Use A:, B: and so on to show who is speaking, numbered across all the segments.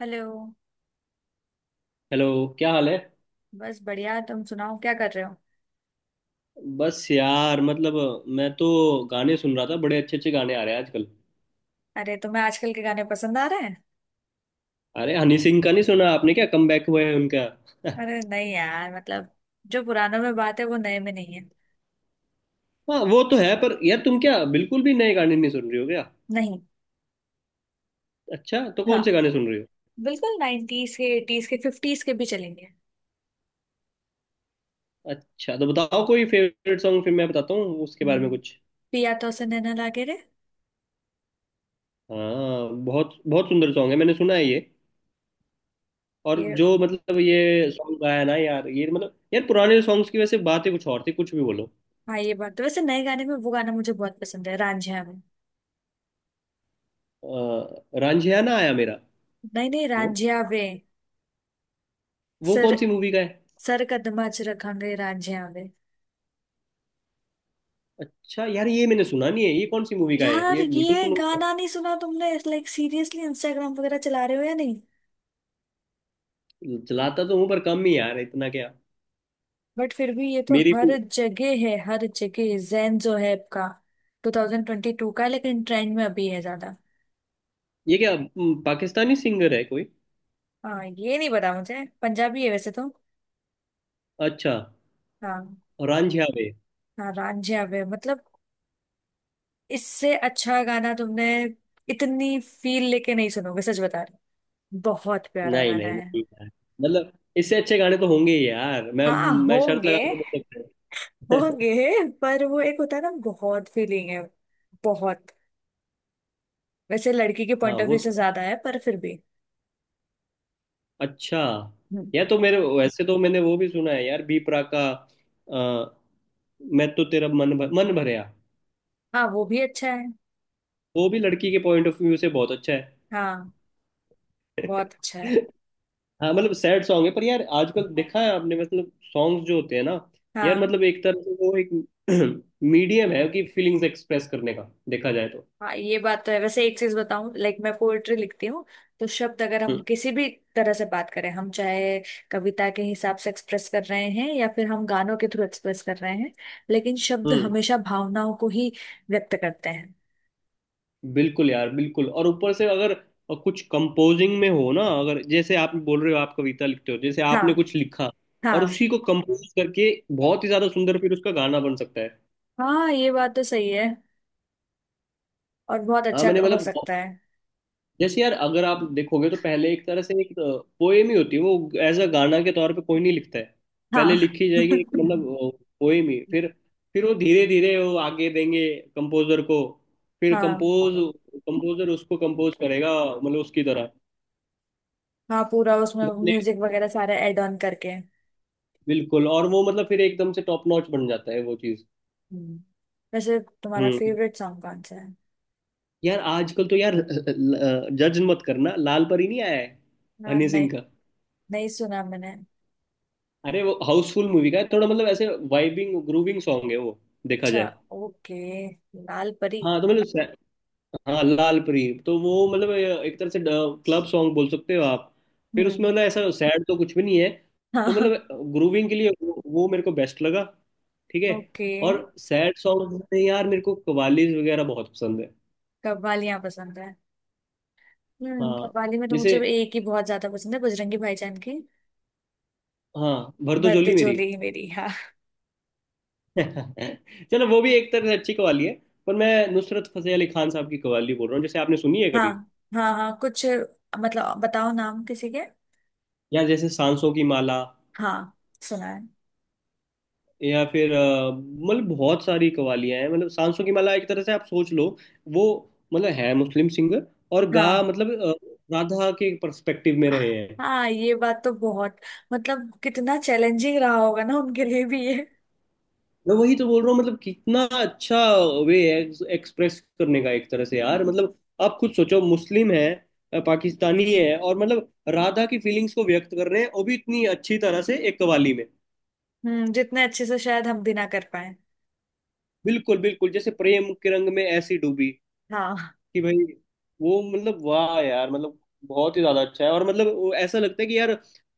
A: Hello.
B: Hello. क्या हाल है।
A: बस बढ़िया, तुम सुनाओ क्या कर रहे हो?
B: बस यार मतलब मैं तो गाने सुन रहा था। बड़े अच्छे अच्छे गाने आ रहे हैं आजकल।
A: अरे तुम्हें आजकल के गाने पसंद आ रहे हैं?
B: अरे हनी सिंह का नहीं सुना आपने? क्या कमबैक हुआ है उनका।
A: अरे नहीं यार, मतलब जो पुरानों में बात है वो नए में नहीं है।
B: हाँ वो तो है पर यार तुम क्या बिल्कुल भी नए गाने नहीं सुन रही हो क्या?
A: नहीं।
B: अच्छा तो कौन
A: हाँ,
B: से गाने सुन रही हो?
A: बिल्कुल। नाइन्टीज के, एटीज के, फिफ्टीज के भी चलेंगे।
B: अच्छा तो बताओ कोई फेवरेट सॉन्ग, फिर मैं बताता हूँ उसके बारे में
A: हम्म,
B: कुछ।
A: पिया तो से नैना लागे रे।
B: हाँ बहुत बहुत सुंदर सॉन्ग है, मैंने सुना है ये। और
A: ये,
B: जो मतलब ये सॉन्ग गाया ना यार, ये मतलब यार पुराने सॉन्ग्स की वैसे बात ही कुछ और थी, कुछ भी बोलो।
A: हाँ ये बात तो। वैसे नए गाने में वो गाना मुझे बहुत पसंद है, रांझिया में।
B: रांझियाना आया मेरा।
A: नहीं नहीं
B: वो
A: रांझिया वे।
B: वो
A: सर,
B: कौन सी मूवी का है?
A: सर कदमा च रखांगे रांझिया वे।
B: अच्छा यार ये मैंने सुना नहीं है, ये कौन सी मूवी का है
A: यार
B: ये, बिल्कुल
A: ये
B: सुनो।
A: गाना नहीं सुना तुमने? लाइक सीरियसली, इंस्टाग्राम वगैरह चला रहे हो या नहीं?
B: चलाता तो हूँ पर कम ही यार, इतना क्या।
A: बट फिर भी ये तो
B: मेरी।
A: हर जगह है, हर जगह। जैन जो है आपका। 2022 का है, लेकिन ट्रेंड में अभी है ज्यादा।
B: ये क्या पाकिस्तानी सिंगर है कोई?
A: हाँ ये नहीं पता मुझे, पंजाबी है वैसे तो।
B: अच्छा।
A: हाँ।
B: रांझिया वे।
A: हाँ रांझा वे, मतलब इससे अच्छा गाना तुमने इतनी फील लेके नहीं सुनोगे, सच बता रही। बहुत प्यारा
B: नहीं
A: गाना
B: नहीं
A: है।
B: नहीं यार मतलब इससे अच्छे गाने तो होंगे ही यार। मैं
A: हाँ
B: मैं शर्त
A: होंगे।
B: लगा के बोल सकता हूँ।
A: होंगे, पर वो एक होता है ना, बहुत फीलिंग है। बहुत। वैसे लड़की के
B: हाँ
A: पॉइंट ऑफ
B: वो
A: व्यू से
B: तो।
A: ज्यादा है, पर फिर भी।
B: अच्छा।
A: हम्म,
B: यार तो मेरे वैसे तो मैंने वो भी सुना है यार, बी प्राक का। अ, मैं तो तेरा मन भरया।
A: हाँ वो भी अच्छा है।
B: वो भी लड़की के पॉइंट ऑफ व्यू से बहुत अच्छा है।
A: हाँ, बहुत अच्छा है।
B: हाँ मतलब सैड सॉन्ग है पर यार आजकल देखा है आपने मतलब सॉन्ग्स जो होते हैं ना। यार
A: हाँ।
B: मतलब एक तरह से वो एक मीडियम है कि फीलिंग्स एक्सप्रेस करने का, देखा जाए तो।
A: हाँ ये बात तो है। वैसे एक चीज बताऊं, लाइक मैं पोएट्री लिखती हूँ, तो शब्द अगर हम
B: हम्म।
A: किसी भी तरह से बात करें, हम चाहे कविता के हिसाब से एक्सप्रेस कर रहे हैं या फिर हम गानों के थ्रू एक्सप्रेस कर रहे हैं, लेकिन शब्द
B: हम्म।
A: हमेशा भावनाओं को ही व्यक्त करते हैं।
B: बिल्कुल यार बिल्कुल। और ऊपर से अगर कुछ कंपोजिंग में हो ना, अगर जैसे आप बोल रहे हो आप कविता लिखते हो, जैसे
A: हाँ।
B: आपने कुछ लिखा
A: हाँ।
B: और उसी को कंपोज करके बहुत ही ज्यादा सुंदर फिर उसका गाना बन सकता है।
A: हाँ ये बात तो सही है, और बहुत
B: हाँ
A: अच्छा
B: मैंने
A: हो
B: मतलब
A: सकता है।
B: जैसे यार अगर आप देखोगे तो पहले एक तरह से एक पोएम ही होती है वो, एज अ गाना के तौर पे कोई नहीं लिखता है। पहले
A: हाँ।
B: लिखी जाएगी एक मतलब पोएम ही। फिर फिर वो धीरे धीरे वो आगे देंगे कंपोजर को। फिर
A: हाँ।
B: कंपोज, कंपोजर उसको कंपोज करेगा मतलब उसकी तरह
A: हाँ पूरा उसमें
B: गाने।
A: म्यूजिक वगैरह सारे ऐड ऑन करके।
B: बिल्कुल। और वो मतलब फिर एकदम से टॉप नॉच बन जाता है वो चीज।
A: हम्म। वैसे तुम्हारा
B: हम्म।
A: फेवरेट सॉन्ग कौन सा है?
B: यार आजकल तो यार जज मत करना, लाल परी नहीं आया है,
A: हाँ,
B: हनी
A: नहीं।
B: सिंह का।
A: नहीं सुना मैंने।
B: अरे वो हाउसफुल मूवी का है, थोड़ा मतलब ऐसे वाइबिंग ग्रूविंग सॉन्ग है वो, देखा
A: अच्छा,
B: जाए।
A: ओके, लाल परी।
B: हाँ तो मतलब हाँ लाल परी तो वो मतलब एक तरह से क्लब सॉन्ग बोल सकते हो आप। फिर उसमें
A: हम्म।
B: मतलब ऐसा सैड तो कुछ भी नहीं है। तो
A: हाँ।
B: मतलब ग्रूविंग के लिए वो मेरे को बेस्ट लगा। ठीक है।
A: ओके।
B: और सैड सॉन्ग में यार मेरे को कवालीज वगैरह बहुत पसंद है।
A: कव्वालियाँ पसंद है।
B: हाँ
A: कव्वाली में तो मुझे
B: जैसे
A: एक ही बहुत ज्यादा पसंद है, बजरंगी भाईजान की।
B: हाँ भर दो
A: भर दे
B: झोली मेरी।
A: झोली ही मेरी, हाँ।
B: चलो वो भी एक तरह से अच्छी कवाली है, पर मैं नुसरत फतेह अली खान साहब की कवाली बोल रहा हूँ, जैसे आपने सुनी है
A: हाँ।
B: कभी?
A: हाँ हाँ, कुछ मतलब बताओ नाम किसी के।
B: या जैसे सांसों की माला,
A: हाँ, सुना है।
B: या फिर मतलब बहुत सारी कवालियां हैं। मतलब सांसों की माला एक तरह से आप सोच लो वो। मतलब है मुस्लिम सिंगर और गा
A: हाँ।
B: मतलब राधा के पर्सपेक्टिव में रहे हैं।
A: हाँ ये बात तो बहुत, मतलब कितना चैलेंजिंग रहा होगा ना उनके लिए भी ये।
B: मैं वही तो बोल रहा हूँ मतलब कितना अच्छा वे है एक्सप्रेस करने का एक तरह से, यार मतलब आप खुद सोचो, मुस्लिम है पाकिस्तानी है और मतलब राधा की फीलिंग्स को व्यक्त कर रहे हैं वो भी इतनी अच्छी तरह से एक कवाली में।
A: जितने अच्छे से शायद हम भी ना कर पाए।
B: बिल्कुल बिल्कुल। जैसे प्रेम के रंग में ऐसी डूबी
A: हाँ।
B: कि भाई वो मतलब वाह यार मतलब बहुत ही ज्यादा अच्छा है। और मतलब वो ऐसा लगता है कि यार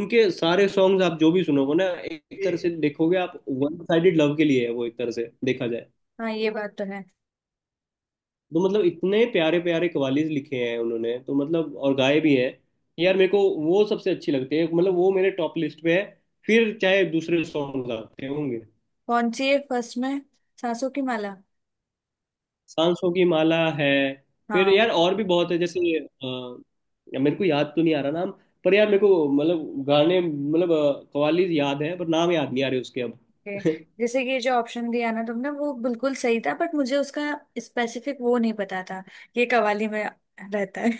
B: उनके सारे सॉन्ग्स आप जो भी सुनोगे ना, एक तरह से देखोगे आप, वन साइडेड लव के लिए है वो, एक तरह से देखा जाए।
A: हाँ ये बात तो है।
B: तो मतलब इतने प्यारे प्यारे कवालीज लिखे हैं उन्होंने, तो मतलब और गाए भी हैं यार। मेरे को वो सबसे अच्छी लगती है, मतलब वो मेरे टॉप लिस्ट पे है, फिर चाहे दूसरे सॉन्ग आते होंगे।
A: कौन सी है फर्स्ट में? सांसों की माला?
B: सांसों की माला है। फिर
A: हाँ।
B: यार और भी बहुत है, जैसे मेरे को याद तो नहीं आ रहा नाम, पर यार मेरे को मतलब गाने मतलब कव्वाली याद है पर नाम याद नहीं आ रहे उसके अब।
A: ओके। जैसे कि ये जो ऑप्शन दिया ना तुमने, वो बिल्कुल सही था, बट मुझे उसका स्पेसिफिक वो नहीं पता था, ये कव्वाली में रहता है।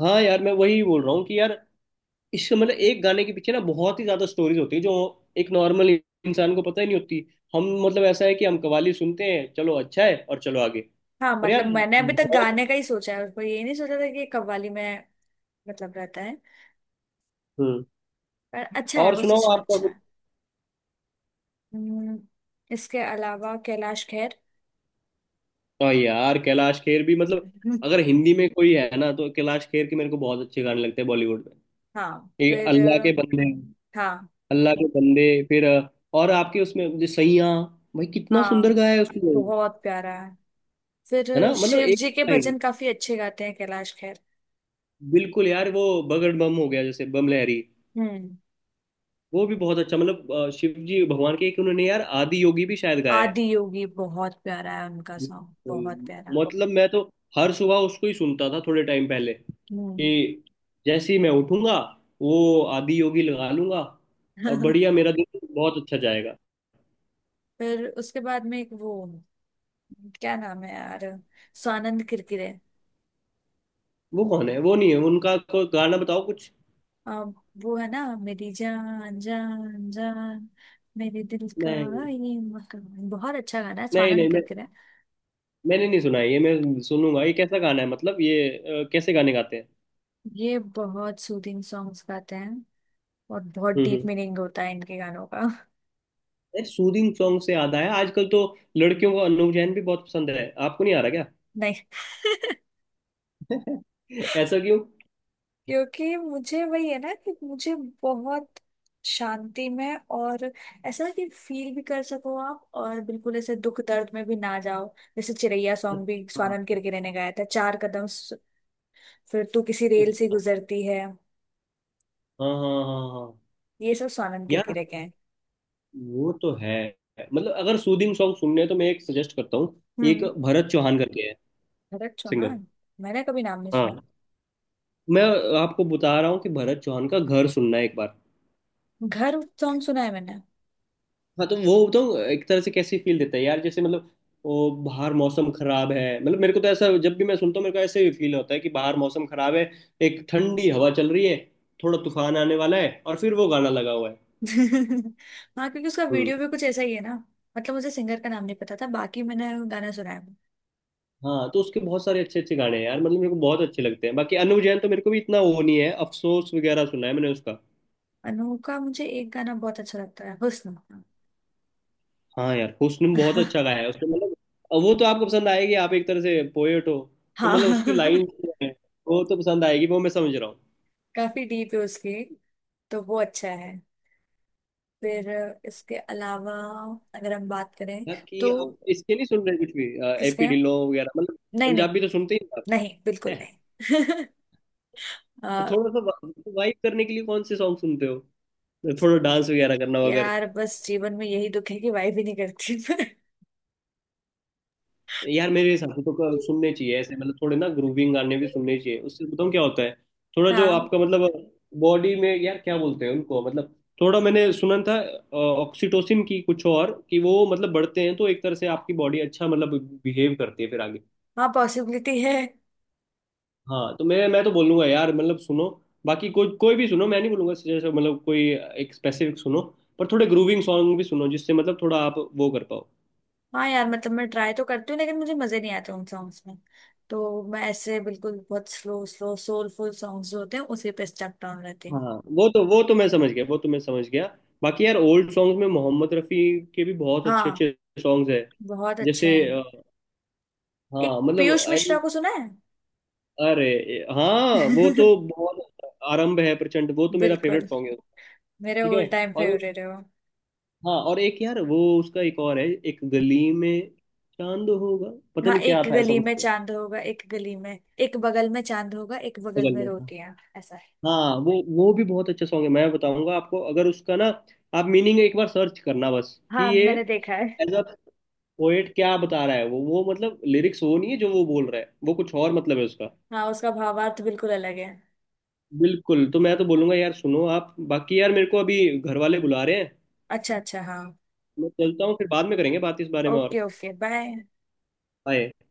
B: हाँ यार मैं वही बोल रहा हूँ कि यार इस मतलब एक गाने के पीछे ना बहुत ही ज्यादा स्टोरीज होती है जो एक नॉर्मल इंसान को पता ही नहीं होती। हम मतलब ऐसा है कि हम कव्वाली सुनते हैं, चलो अच्छा है और चलो आगे।
A: हाँ
B: पर
A: मतलब
B: यार
A: मैंने अभी तक
B: बहुत।
A: गाने का ही सोचा है उसको, ये नहीं सोचा था कि ये कव्वाली में मतलब रहता है।
B: हम्म।
A: पर अच्छा है,
B: और
A: वो
B: सुनाओ
A: सच में
B: आपका।
A: अच्छा है। हम्म, इसके अलावा कैलाश खेर।
B: हाँ यार कैलाश खेर भी मतलब
A: हम्म,
B: अगर हिंदी में कोई है ना, तो कैलाश खेर के मेरे को बहुत अच्छे गाने लगते हैं बॉलीवुड में।
A: हाँ
B: ये
A: फिर
B: अल्लाह के बंदे।
A: हाँ।
B: अल्लाह के बंदे फिर और आपके उसमें जो सैयां, भाई कितना सुंदर
A: हाँ
B: गाया है उसने।
A: बहुत प्यारा है। फिर
B: है ना मतलब
A: शिव
B: एक
A: जी के
B: लाइन।
A: भजन काफी अच्छे गाते हैं कैलाश खेर।
B: बिल्कुल यार वो बगड़ बम हो गया, जैसे बम लहरी।
A: हम्म
B: वो भी बहुत अच्छा मतलब शिव जी भगवान के, एक उन्होंने यार आदि योगी भी शायद गाया है।
A: आदि योगी बहुत प्यारा है उनका, सॉन्ग बहुत प्यारा।
B: बिल्कुल। मतलब मैं तो हर सुबह उसको ही सुनता था थोड़े टाइम पहले,
A: हम्म
B: कि जैसे ही मैं उठूंगा वो आदि योगी लगा लूंगा और बढ़िया मेरा दिन बहुत अच्छा जाएगा।
A: फिर उसके बाद में एक वो क्या नाम है यार, स्वानंद किरकिरे।
B: वो कौन है? वो नहीं है, उनका कोई गाना बताओ कुछ।
A: अम, वो है ना, मेरी जान जान जान, मेरे दिल का
B: नहीं
A: ये मकान, बहुत अच्छा गाना है,
B: नहीं नहीं
A: स्वानंद
B: मैं
A: किरकिरे।
B: मैंने नहीं सुना है ये, मैं सुनूंगा। ये कैसा गाना है मतलब ये कैसे गाने गाते हैं?
A: ये बहुत सूदिंग सॉन्ग्स गाते हैं और बहुत डीप
B: हम्म।
A: मीनिंग होता है इनके गानों का।
B: सूदिंग सॉन्ग से याद आया आजकल तो लड़कियों को अनूप जैन भी बहुत पसंद है, आपको नहीं आ रहा क्या?
A: नहीं।
B: ऐसा क्यों?
A: क्योंकि मुझे वही है ना कि मुझे बहुत शांति में, और ऐसा कि फील भी कर सको आप, और बिल्कुल ऐसे दुख दर्द में भी ना जाओ। जैसे चिरैया सॉन्ग भी
B: अच्छा
A: स्वानंद किरकिरे ने गाया था, फिर तू किसी रेल से
B: अच्छा।
A: गुजरती है,
B: हाँ हाँ हाँ हाँ।
A: ये सब स्वानंद
B: यार
A: किरकिरे के हैं।
B: वो तो है, मतलब अगर सूदिंग सॉन्ग सुनने हैं तो मैं एक सजेस्ट करता हूँ। एक
A: हम्म।
B: भरत चौहान करके है
A: भरत
B: सिंगर।
A: चौहान, मैंने कभी नाम नहीं सुना।
B: हाँ मैं आपको बता रहा हूँ कि भरत चौहान का घर सुनना है एक बार।
A: घर सॉन्ग सुना है मैंने।
B: हाँ तो वो तो एक तरह से कैसी फील देता है यार, जैसे मतलब वो बाहर मौसम खराब है, मतलब मेरे को तो ऐसा, जब भी मैं सुनता हूँ मेरे को ऐसे ही फील होता है कि बाहर मौसम खराब है, एक ठंडी हवा चल रही है, थोड़ा तूफान आने वाला है और फिर वो गाना लगा हुआ है।
A: हाँ, क्योंकि उसका
B: हम्म।
A: वीडियो भी कुछ ऐसा ही है ना। मतलब मुझे सिंगर का नाम नहीं पता था, बाकी मैंने गाना सुना है।
B: हाँ तो उसके बहुत सारे अच्छे अच्छे गाने हैं यार, मतलब मेरे को बहुत अच्छे लगते हैं। बाकी अनु जैन तो मेरे को भी इतना वो नहीं है, अफसोस वगैरह सुना है मैंने उसका।
A: अनु का मुझे एक गाना बहुत अच्छा लगता है, हुस्न।
B: हाँ यार हुस्न में बहुत अच्छा गाया है उसने मतलब। अब वो तो आपको पसंद आएगी, आप एक तरह से पोएट हो, तो मतलब उसकी
A: हाँ।
B: लाइन वो तो पसंद आएगी वो, मैं समझ रहा हूँ।
A: काफी डीप है उसके, तो वो अच्छा है। फिर इसके अलावा अगर हम बात करें
B: बाकी
A: तो
B: आप इसके नहीं सुन रहे कुछ भी?
A: किसके
B: एपी
A: हैं?
B: ढिल्लों वगैरह मतलब,
A: नहीं। नहीं
B: पंजाबी तो सुनते ही हो
A: नहीं बिल्कुल
B: आप।
A: नहीं। अ,
B: थोड़ा सा वाइब करने के लिए कौन से सॉन्ग सुनते हो, थोड़ा डांस वगैरह करना।
A: यार बस जीवन में यही दुख है कि वाइफ ही नहीं करती।
B: यार मेरे हिसाब से तो सुनने चाहिए ऐसे मतलब थोड़े ना ग्रूविंग गाने भी सुनने चाहिए, उससे बताऊँ क्या होता है। थोड़ा जो
A: हाँ।
B: आपका मतलब बॉडी में यार क्या बोलते हैं उनको, मतलब थोड़ा मैंने सुना था ऑक्सीटोसिन की कुछ, और कि वो मतलब बढ़ते हैं तो एक तरह से आपकी बॉडी अच्छा मतलब बिहेव करती है फिर आगे।
A: हाँ पॉसिबिलिटी है।
B: हाँ तो मैं तो बोलूंगा यार मतलब सुनो, बाकी कोई कोई भी सुनो, मैं नहीं बोलूंगा जैसे मतलब कोई एक स्पेसिफिक सुनो, पर थोड़े ग्रूविंग सॉन्ग भी सुनो जिससे मतलब थोड़ा आप वो कर पाओ।
A: हाँ यार मतलब मैं ट्राई तो करती हूँ, लेकिन मुझे मजे नहीं आते उन सॉन्ग्स में, तो मैं ऐसे बिल्कुल बहुत स्लो स्लो सोलफुल सॉन्ग्स जो होते हैं उसी पे स्टक डाउन रहती हूँ।
B: हाँ वो तो मैं समझ गया, वो तो मैं समझ गया। बाकी यार ओल्ड सॉन्ग्स में मोहम्मद रफ़ी के भी बहुत अच्छे
A: हाँ,
B: अच्छे सॉन्ग्स हैं।
A: बहुत अच्छे
B: जैसे
A: हैं। एक
B: हाँ मतलब
A: पीयूष मिश्रा को सुना है।
B: अरे हाँ वो तो बहुत आरंभ है प्रचंड, वो तो मेरा फेवरेट
A: बिल्कुल,
B: सॉन्ग है।
A: मेरे
B: ठीक है।
A: ऑल टाइम
B: और
A: फेवरेट है वो।
B: हाँ और एक यार वो उसका एक और है, एक गली में चांद होगा, पता
A: हाँ,
B: नहीं क्या
A: एक
B: था, ऐसा
A: गली
B: कुछ
A: में
B: तो,
A: चांद होगा, एक गली में, एक बगल में चांद होगा एक बगल
B: बगल
A: में
B: में था।
A: रोटियां, ऐसा है।
B: हाँ वो भी बहुत अच्छा सॉन्ग है। मैं बताऊंगा आपको, अगर उसका ना आप मीनिंग एक बार सर्च करना बस, कि
A: हाँ
B: ये
A: मैंने देखा है।
B: पोएट क्या बता रहा है, वो मतलब लिरिक्स वो नहीं है जो वो बोल रहा है, वो कुछ और मतलब है उसका।
A: हाँ उसका भावार्थ बिल्कुल अलग है।
B: बिल्कुल। तो मैं तो बोलूंगा यार सुनो आप, बाकी यार मेरे को अभी घर वाले बुला रहे हैं,
A: अच्छा अच्छा, हाँ।
B: मैं चलता हूँ, फिर बाद में करेंगे बात इस बारे में और।
A: Okay okay, bye.
B: बाय।